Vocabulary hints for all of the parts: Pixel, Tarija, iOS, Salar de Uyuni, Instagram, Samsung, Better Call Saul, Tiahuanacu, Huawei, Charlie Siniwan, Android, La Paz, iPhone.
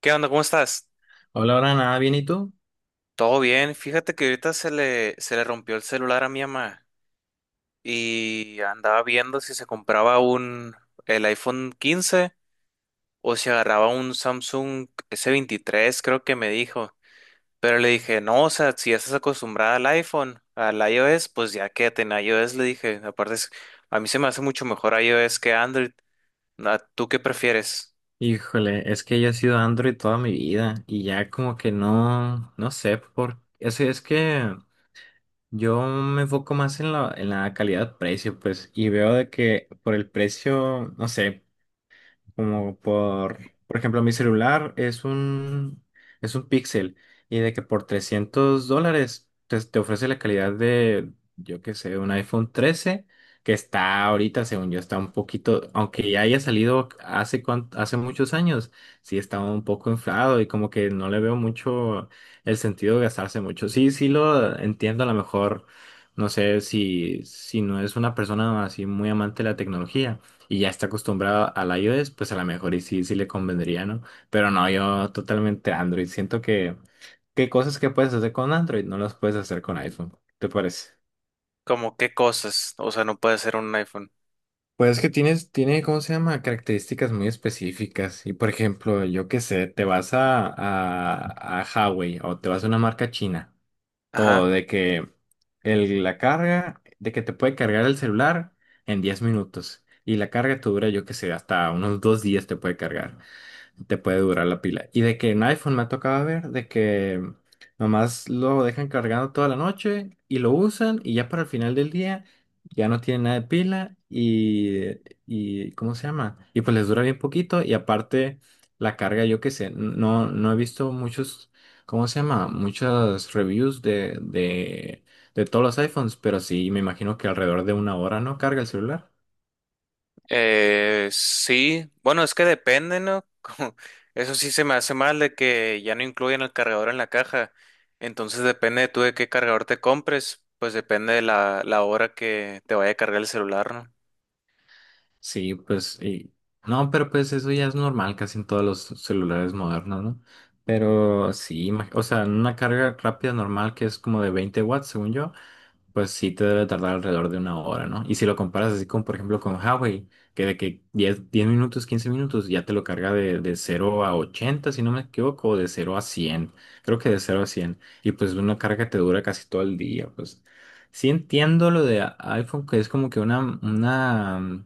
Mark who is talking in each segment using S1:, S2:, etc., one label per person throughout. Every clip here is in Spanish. S1: ¿Qué onda? ¿Cómo estás?
S2: Hola, ahora nada, bien, ¿y tú?
S1: Todo bien. Fíjate que ahorita se le rompió el celular a mi mamá y andaba viendo si se compraba un el iPhone 15 o si agarraba un Samsung S23, creo que me dijo. Pero le dije, no, o sea, si ya estás acostumbrada al iPhone, al iOS, pues ya quédate en iOS, le dije. Aparte, a mí se me hace mucho mejor iOS que Android. ¿Tú qué prefieres?
S2: Híjole, es que yo he sido Android toda mi vida y ya como que no, no sé por Es que yo me enfoco más en la calidad-precio, pues, y veo de que por el precio, no sé, Como por, por ejemplo, mi celular es un Pixel y de que por $300 te ofrece la calidad de, yo qué sé, un iPhone 13 que está ahorita, según yo, está un poquito, aunque ya haya salido hace, hace muchos años, sí está un poco inflado y como que no le veo mucho el sentido de gastarse mucho. Sí, sí lo entiendo a lo mejor, no sé si no es una persona así muy amante de la tecnología y ya está acostumbrado al iOS, pues a lo mejor y sí, sí le convendría, ¿no? Pero no, yo totalmente Android. Que cosas que puedes hacer con Android no las puedes hacer con iPhone. ¿Te parece?
S1: ¿Cómo qué cosas? O sea, no puede ser un iPhone.
S2: Pues es que tiene, ¿cómo se llama? Características muy específicas. Y por ejemplo, yo qué sé, te vas a Huawei o te vas a una marca china. Todo, de que la carga, de que te puede cargar el celular en 10 minutos. Y la carga te dura, yo qué sé, hasta unos 2 días te puede cargar. Te puede durar la pila. Y de que en iPhone me ha tocado ver de que nomás lo dejan cargando toda la noche y lo usan y ya para el final del día ya no tiene nada de pila y ¿cómo se llama? Y pues les dura bien poquito y aparte la carga, yo qué sé, no, no he visto muchos, ¿cómo se llama? Muchas reviews de todos los iPhones, pero sí me imagino que alrededor de una hora no carga el celular.
S1: Sí, bueno, es que depende, ¿no? Eso sí se me hace mal de que ya no incluyen el cargador en la caja. Entonces depende de tú de qué cargador te compres, pues depende de la hora que te vaya a cargar el celular, ¿no?
S2: Sí, pues, y- no, pero pues eso ya es normal casi en todos los celulares modernos, ¿no? Pero sí, o sea, una carga rápida normal que es como de 20 watts, según yo pues sí te debe tardar alrededor de una hora, ¿no? Y si lo comparas así con, por ejemplo, con Huawei, que de que 10 minutos, 15 minutos ya te lo carga de 0 a 80, si no me equivoco, o de 0 a 100, creo que de 0 a 100, y pues una carga te dura casi todo el día, pues sí entiendo lo de iPhone, que es como que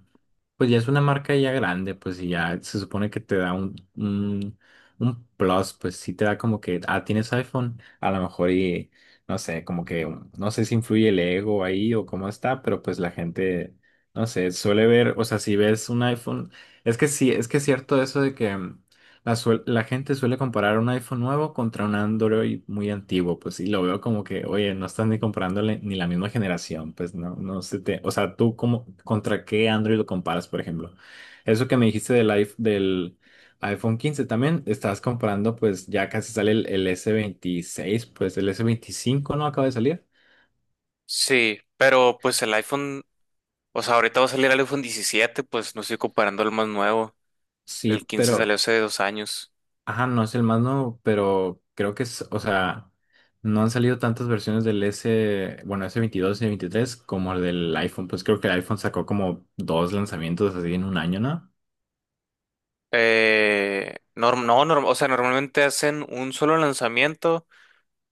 S2: pues ya es una marca ya grande, pues y ya se supone que te da un plus, pues sí te da como que, ah, tienes iPhone, a lo mejor y no sé, como que no sé si influye el ego ahí o cómo está, pero pues la gente, no sé, suele ver, o sea, si ves un iPhone, es que sí, es que es cierto eso de que la gente suele comparar un iPhone nuevo contra un Android muy antiguo, pues sí, lo veo como que, oye, no estás ni comparándole ni la misma generación, pues no, no se te, o sea, tú cómo, ¿contra qué Android lo comparas, por ejemplo? Eso que me dijiste del iPhone 15 también, estás comprando, pues ya casi sale el S26 pues el S25 no acaba de salir.
S1: Sí, pero pues el iPhone, o sea, ahorita va a salir el iPhone 17, pues no estoy comparando el más nuevo.
S2: Sí,
S1: El 15 salió
S2: pero,
S1: hace 2 años.
S2: ajá, no es el más nuevo, pero creo que es, o sea, no han salido tantas versiones del S, bueno, S22 y S23 como el del iPhone, pues creo que el iPhone sacó como dos lanzamientos así en un año, ¿no?
S1: Norm- no, norm- O sea, normalmente hacen un solo lanzamiento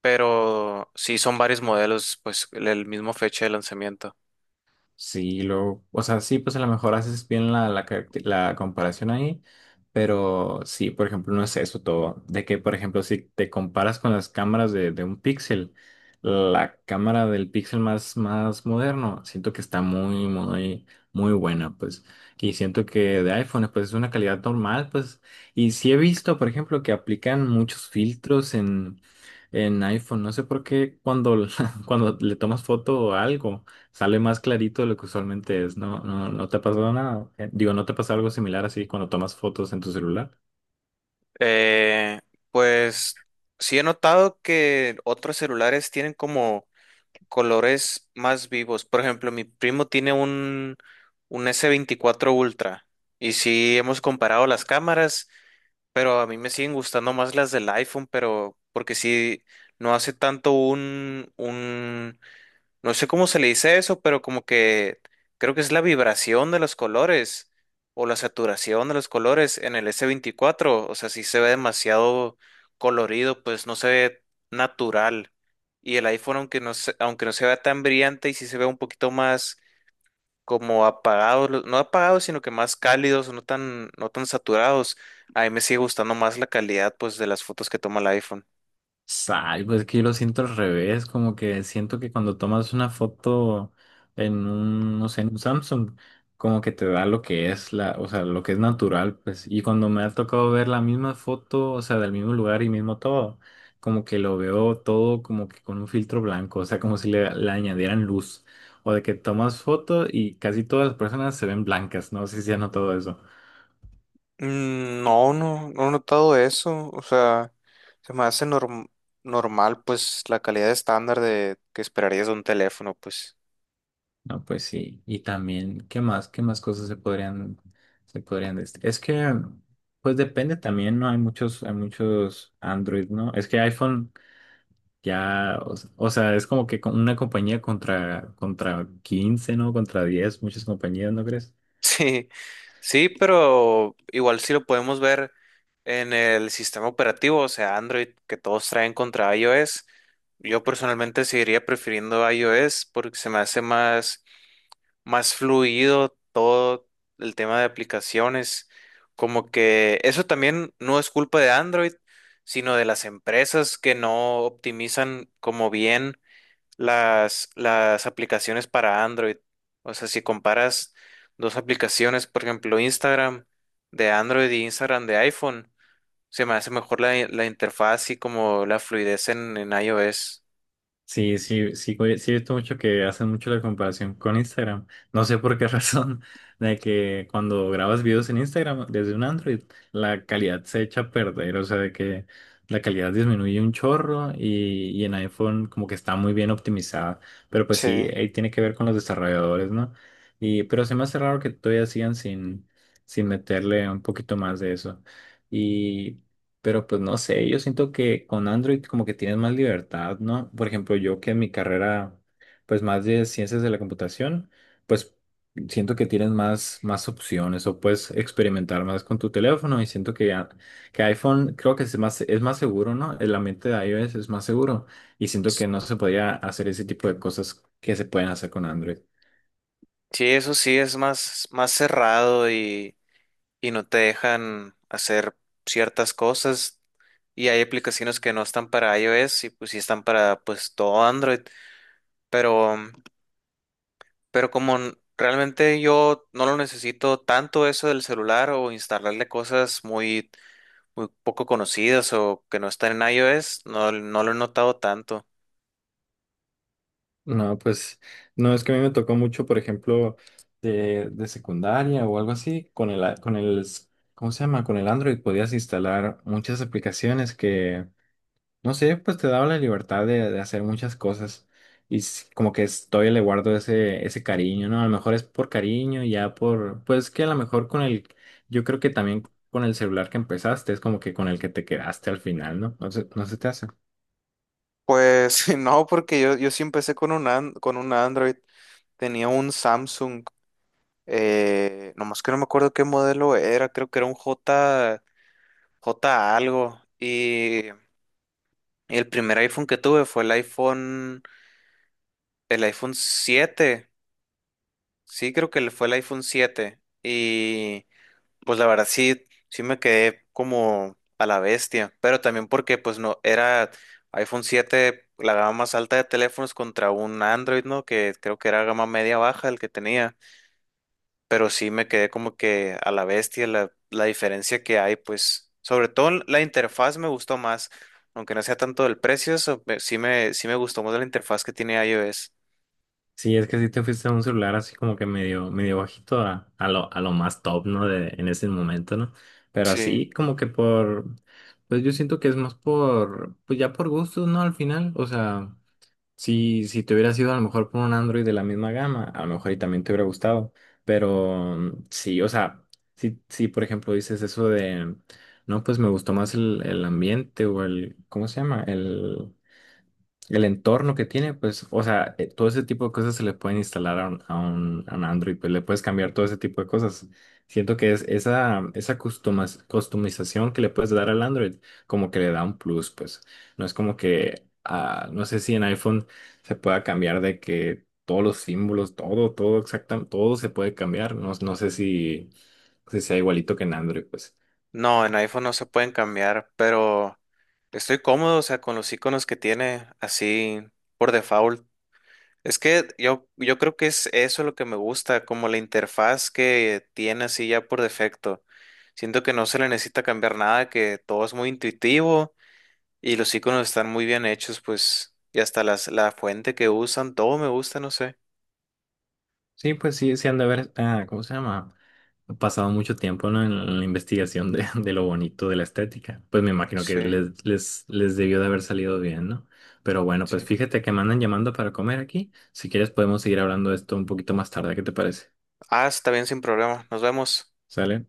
S1: pero sí son varios modelos, pues el mismo fecha de lanzamiento.
S2: Sí, lo, o sea, sí, pues a lo mejor haces bien la comparación ahí, pero sí, por ejemplo, no es eso todo. De que, por ejemplo, si te comparas con las cámaras de un Pixel, la cámara del Pixel más, más moderno, siento que está muy, muy, muy buena, pues. Y siento que de iPhone, pues es una calidad normal, pues. Y sí he visto, por ejemplo, que aplican muchos filtros en iPhone, no sé por qué cuando, cuando le tomas foto o algo sale más clarito de lo que usualmente es. No, no, no te ha pasado nada. Digo, ¿no te pasa algo similar así cuando tomas fotos en tu celular?
S1: Eh, pues sí he notado que otros celulares tienen como colores más vivos. Por ejemplo, mi primo tiene un S24 Ultra y sí hemos comparado las cámaras, pero a mí me siguen gustando más las del iPhone, pero porque sí no hace tanto un. No sé cómo se le dice eso, pero como que creo que es la vibración de los colores o la saturación de los colores en el S24. O sea, si se ve demasiado colorido, pues no se ve natural. Y el iPhone, aunque no se vea tan brillante y sí se ve un poquito más como apagado, no apagados, sino que más cálidos, no tan saturados. A mí me sigue gustando más la calidad, pues, de las fotos que toma el iPhone.
S2: Ay, pues que yo lo siento al revés, como que siento que cuando tomas una foto en un, no sé, en un Samsung, como que te da lo que es la, o sea, lo que es natural, pues, y cuando me ha tocado ver la misma foto, o sea, del mismo lugar y mismo todo, como que lo veo todo como que con un filtro blanco, o sea, como si le añadieran luz, o de que tomas foto y casi todas las personas se ven blancas, no. No sé si has notado eso.
S1: No, no, no he notado eso. O sea, se me hace normal, pues, la calidad estándar de que esperarías de un teléfono, pues.
S2: No, pues sí. Y también, ¿qué más? ¿Qué más cosas Es que, pues depende también, ¿no? Hay muchos Android, ¿no? Es que iPhone ya, o, o sea, es como que una compañía contra, contra 15, ¿no? Contra 10 muchas compañías, ¿no crees?
S1: Sí, sí, pero igual sí lo podemos ver en el sistema operativo, o sea, Android, que todos traen contra iOS. Yo personalmente seguiría prefiriendo iOS porque se me hace más fluido todo el tema de aplicaciones. Como que eso también no es culpa de Android, sino de las empresas que no optimizan como bien las aplicaciones para Android. O sea, si comparas dos aplicaciones, por ejemplo, Instagram de Android y Instagram de iPhone, se me hace mejor la interfaz y como la fluidez en iOS.
S2: Sí, sí, sí, oye, sí he visto mucho que hacen mucho la comparación con Instagram. No sé por qué razón, de que cuando grabas videos en Instagram desde un Android, la calidad se echa a perder, o sea, de que la calidad disminuye un chorro y en iPhone como que está muy bien optimizada. Pero pues sí,
S1: Sí.
S2: ahí tiene que ver con los desarrolladores, ¿no? Y, pero se me hace raro que todavía sigan sin meterle un poquito más de eso. Pero pues no sé, yo siento que con Android como que tienes más libertad, ¿no? Por ejemplo, yo que en mi carrera, pues más de ciencias de la computación, pues siento que tienes más, más opciones o puedes experimentar más con tu teléfono y siento que, que iPhone creo que es más seguro, ¿no? El ambiente de iOS es más seguro y siento que no se podía hacer ese tipo de cosas que se pueden hacer con Android.
S1: Sí, eso sí es más, más cerrado y no te dejan hacer ciertas cosas y hay aplicaciones que no están para iOS y pues sí están para pues todo Android, pero pero como realmente yo no lo necesito tanto eso del celular o instalarle cosas muy muy poco conocidas o que no están en iOS, no lo he notado tanto.
S2: No, pues no, es que a mí me tocó mucho, por ejemplo, de secundaria o algo así, con el, con el, ¿cómo se llama? Con el Android podías instalar muchas aplicaciones que, no sé, pues te daba la libertad de hacer muchas cosas. Y como que todavía le guardo ese, ese cariño, ¿no? A lo mejor es por cariño, ya por, pues que a lo mejor con el, yo creo que también con el celular que empezaste, es como que con el que te quedaste al final, ¿no? No sé, no se te hace.
S1: Pues no, porque yo sí empecé con un Android. Tenía un Samsung, nomás que no me acuerdo qué modelo era, creo que era un J, J algo. Y el primer iPhone que tuve fue el iPhone siete. Sí, creo que fue el iPhone 7. Y pues la verdad sí, sí me quedé como a la bestia. Pero también porque pues no, era iPhone 7 la gama más alta de teléfonos contra un Android, ¿no? Que creo que era gama media baja el que tenía. Pero sí me quedé como que a la bestia la diferencia que hay, pues sobre todo en la interfaz me gustó más, aunque no sea tanto del precio, sí me gustó más la interfaz que tiene iOS.
S2: Sí, es que sí te fuiste a un celular así como que medio, medio bajito a lo más top, ¿no? De, en ese momento, ¿no? Pero
S1: Sí,
S2: así como que por, pues yo siento que es más por, pues ya por gustos, ¿no? Al final, o sea, si te hubieras ido a lo mejor por un Android de la misma gama, a lo mejor y también te hubiera gustado, pero sí, o sea, si por ejemplo dices eso de, no, pues me gustó más el ambiente o el, ¿cómo se llama? El entorno que tiene, pues, o sea, todo ese tipo de cosas se le pueden instalar a a un Android, pues le puedes cambiar todo ese tipo de cosas. Siento que es esa customización que le puedes dar al Android, como que le da un plus, pues. No es como que, ah, no sé si en iPhone se pueda cambiar de que todos los símbolos, todo, todo exactamente, todo se puede cambiar. No, no sé si sea igualito que en Android, pues.
S1: no, en iPhone no se pueden cambiar, pero estoy cómodo, o sea, con los iconos que tiene así por default. Es que yo creo que es eso lo que me gusta, como la interfaz que tiene así ya por defecto. Siento que no se le necesita cambiar nada, que todo es muy intuitivo. Y los iconos están muy bien hechos, pues, y hasta las, la fuente que usan, todo me gusta, no sé.
S2: Sí, pues sí, sí han de haber, ah, ¿cómo se llama? Ha pasado mucho tiempo, ¿no?, en la investigación de, de lo bonito de la estética. Pues me imagino que
S1: Sí,
S2: les debió de haber salido bien, ¿no? Pero bueno, pues
S1: sí.
S2: fíjate que me andan llamando para comer aquí. Si quieres podemos seguir hablando de esto un poquito más tarde, ¿qué te parece?
S1: Ah, está bien, sin problema. Nos vemos.
S2: ¿Sale?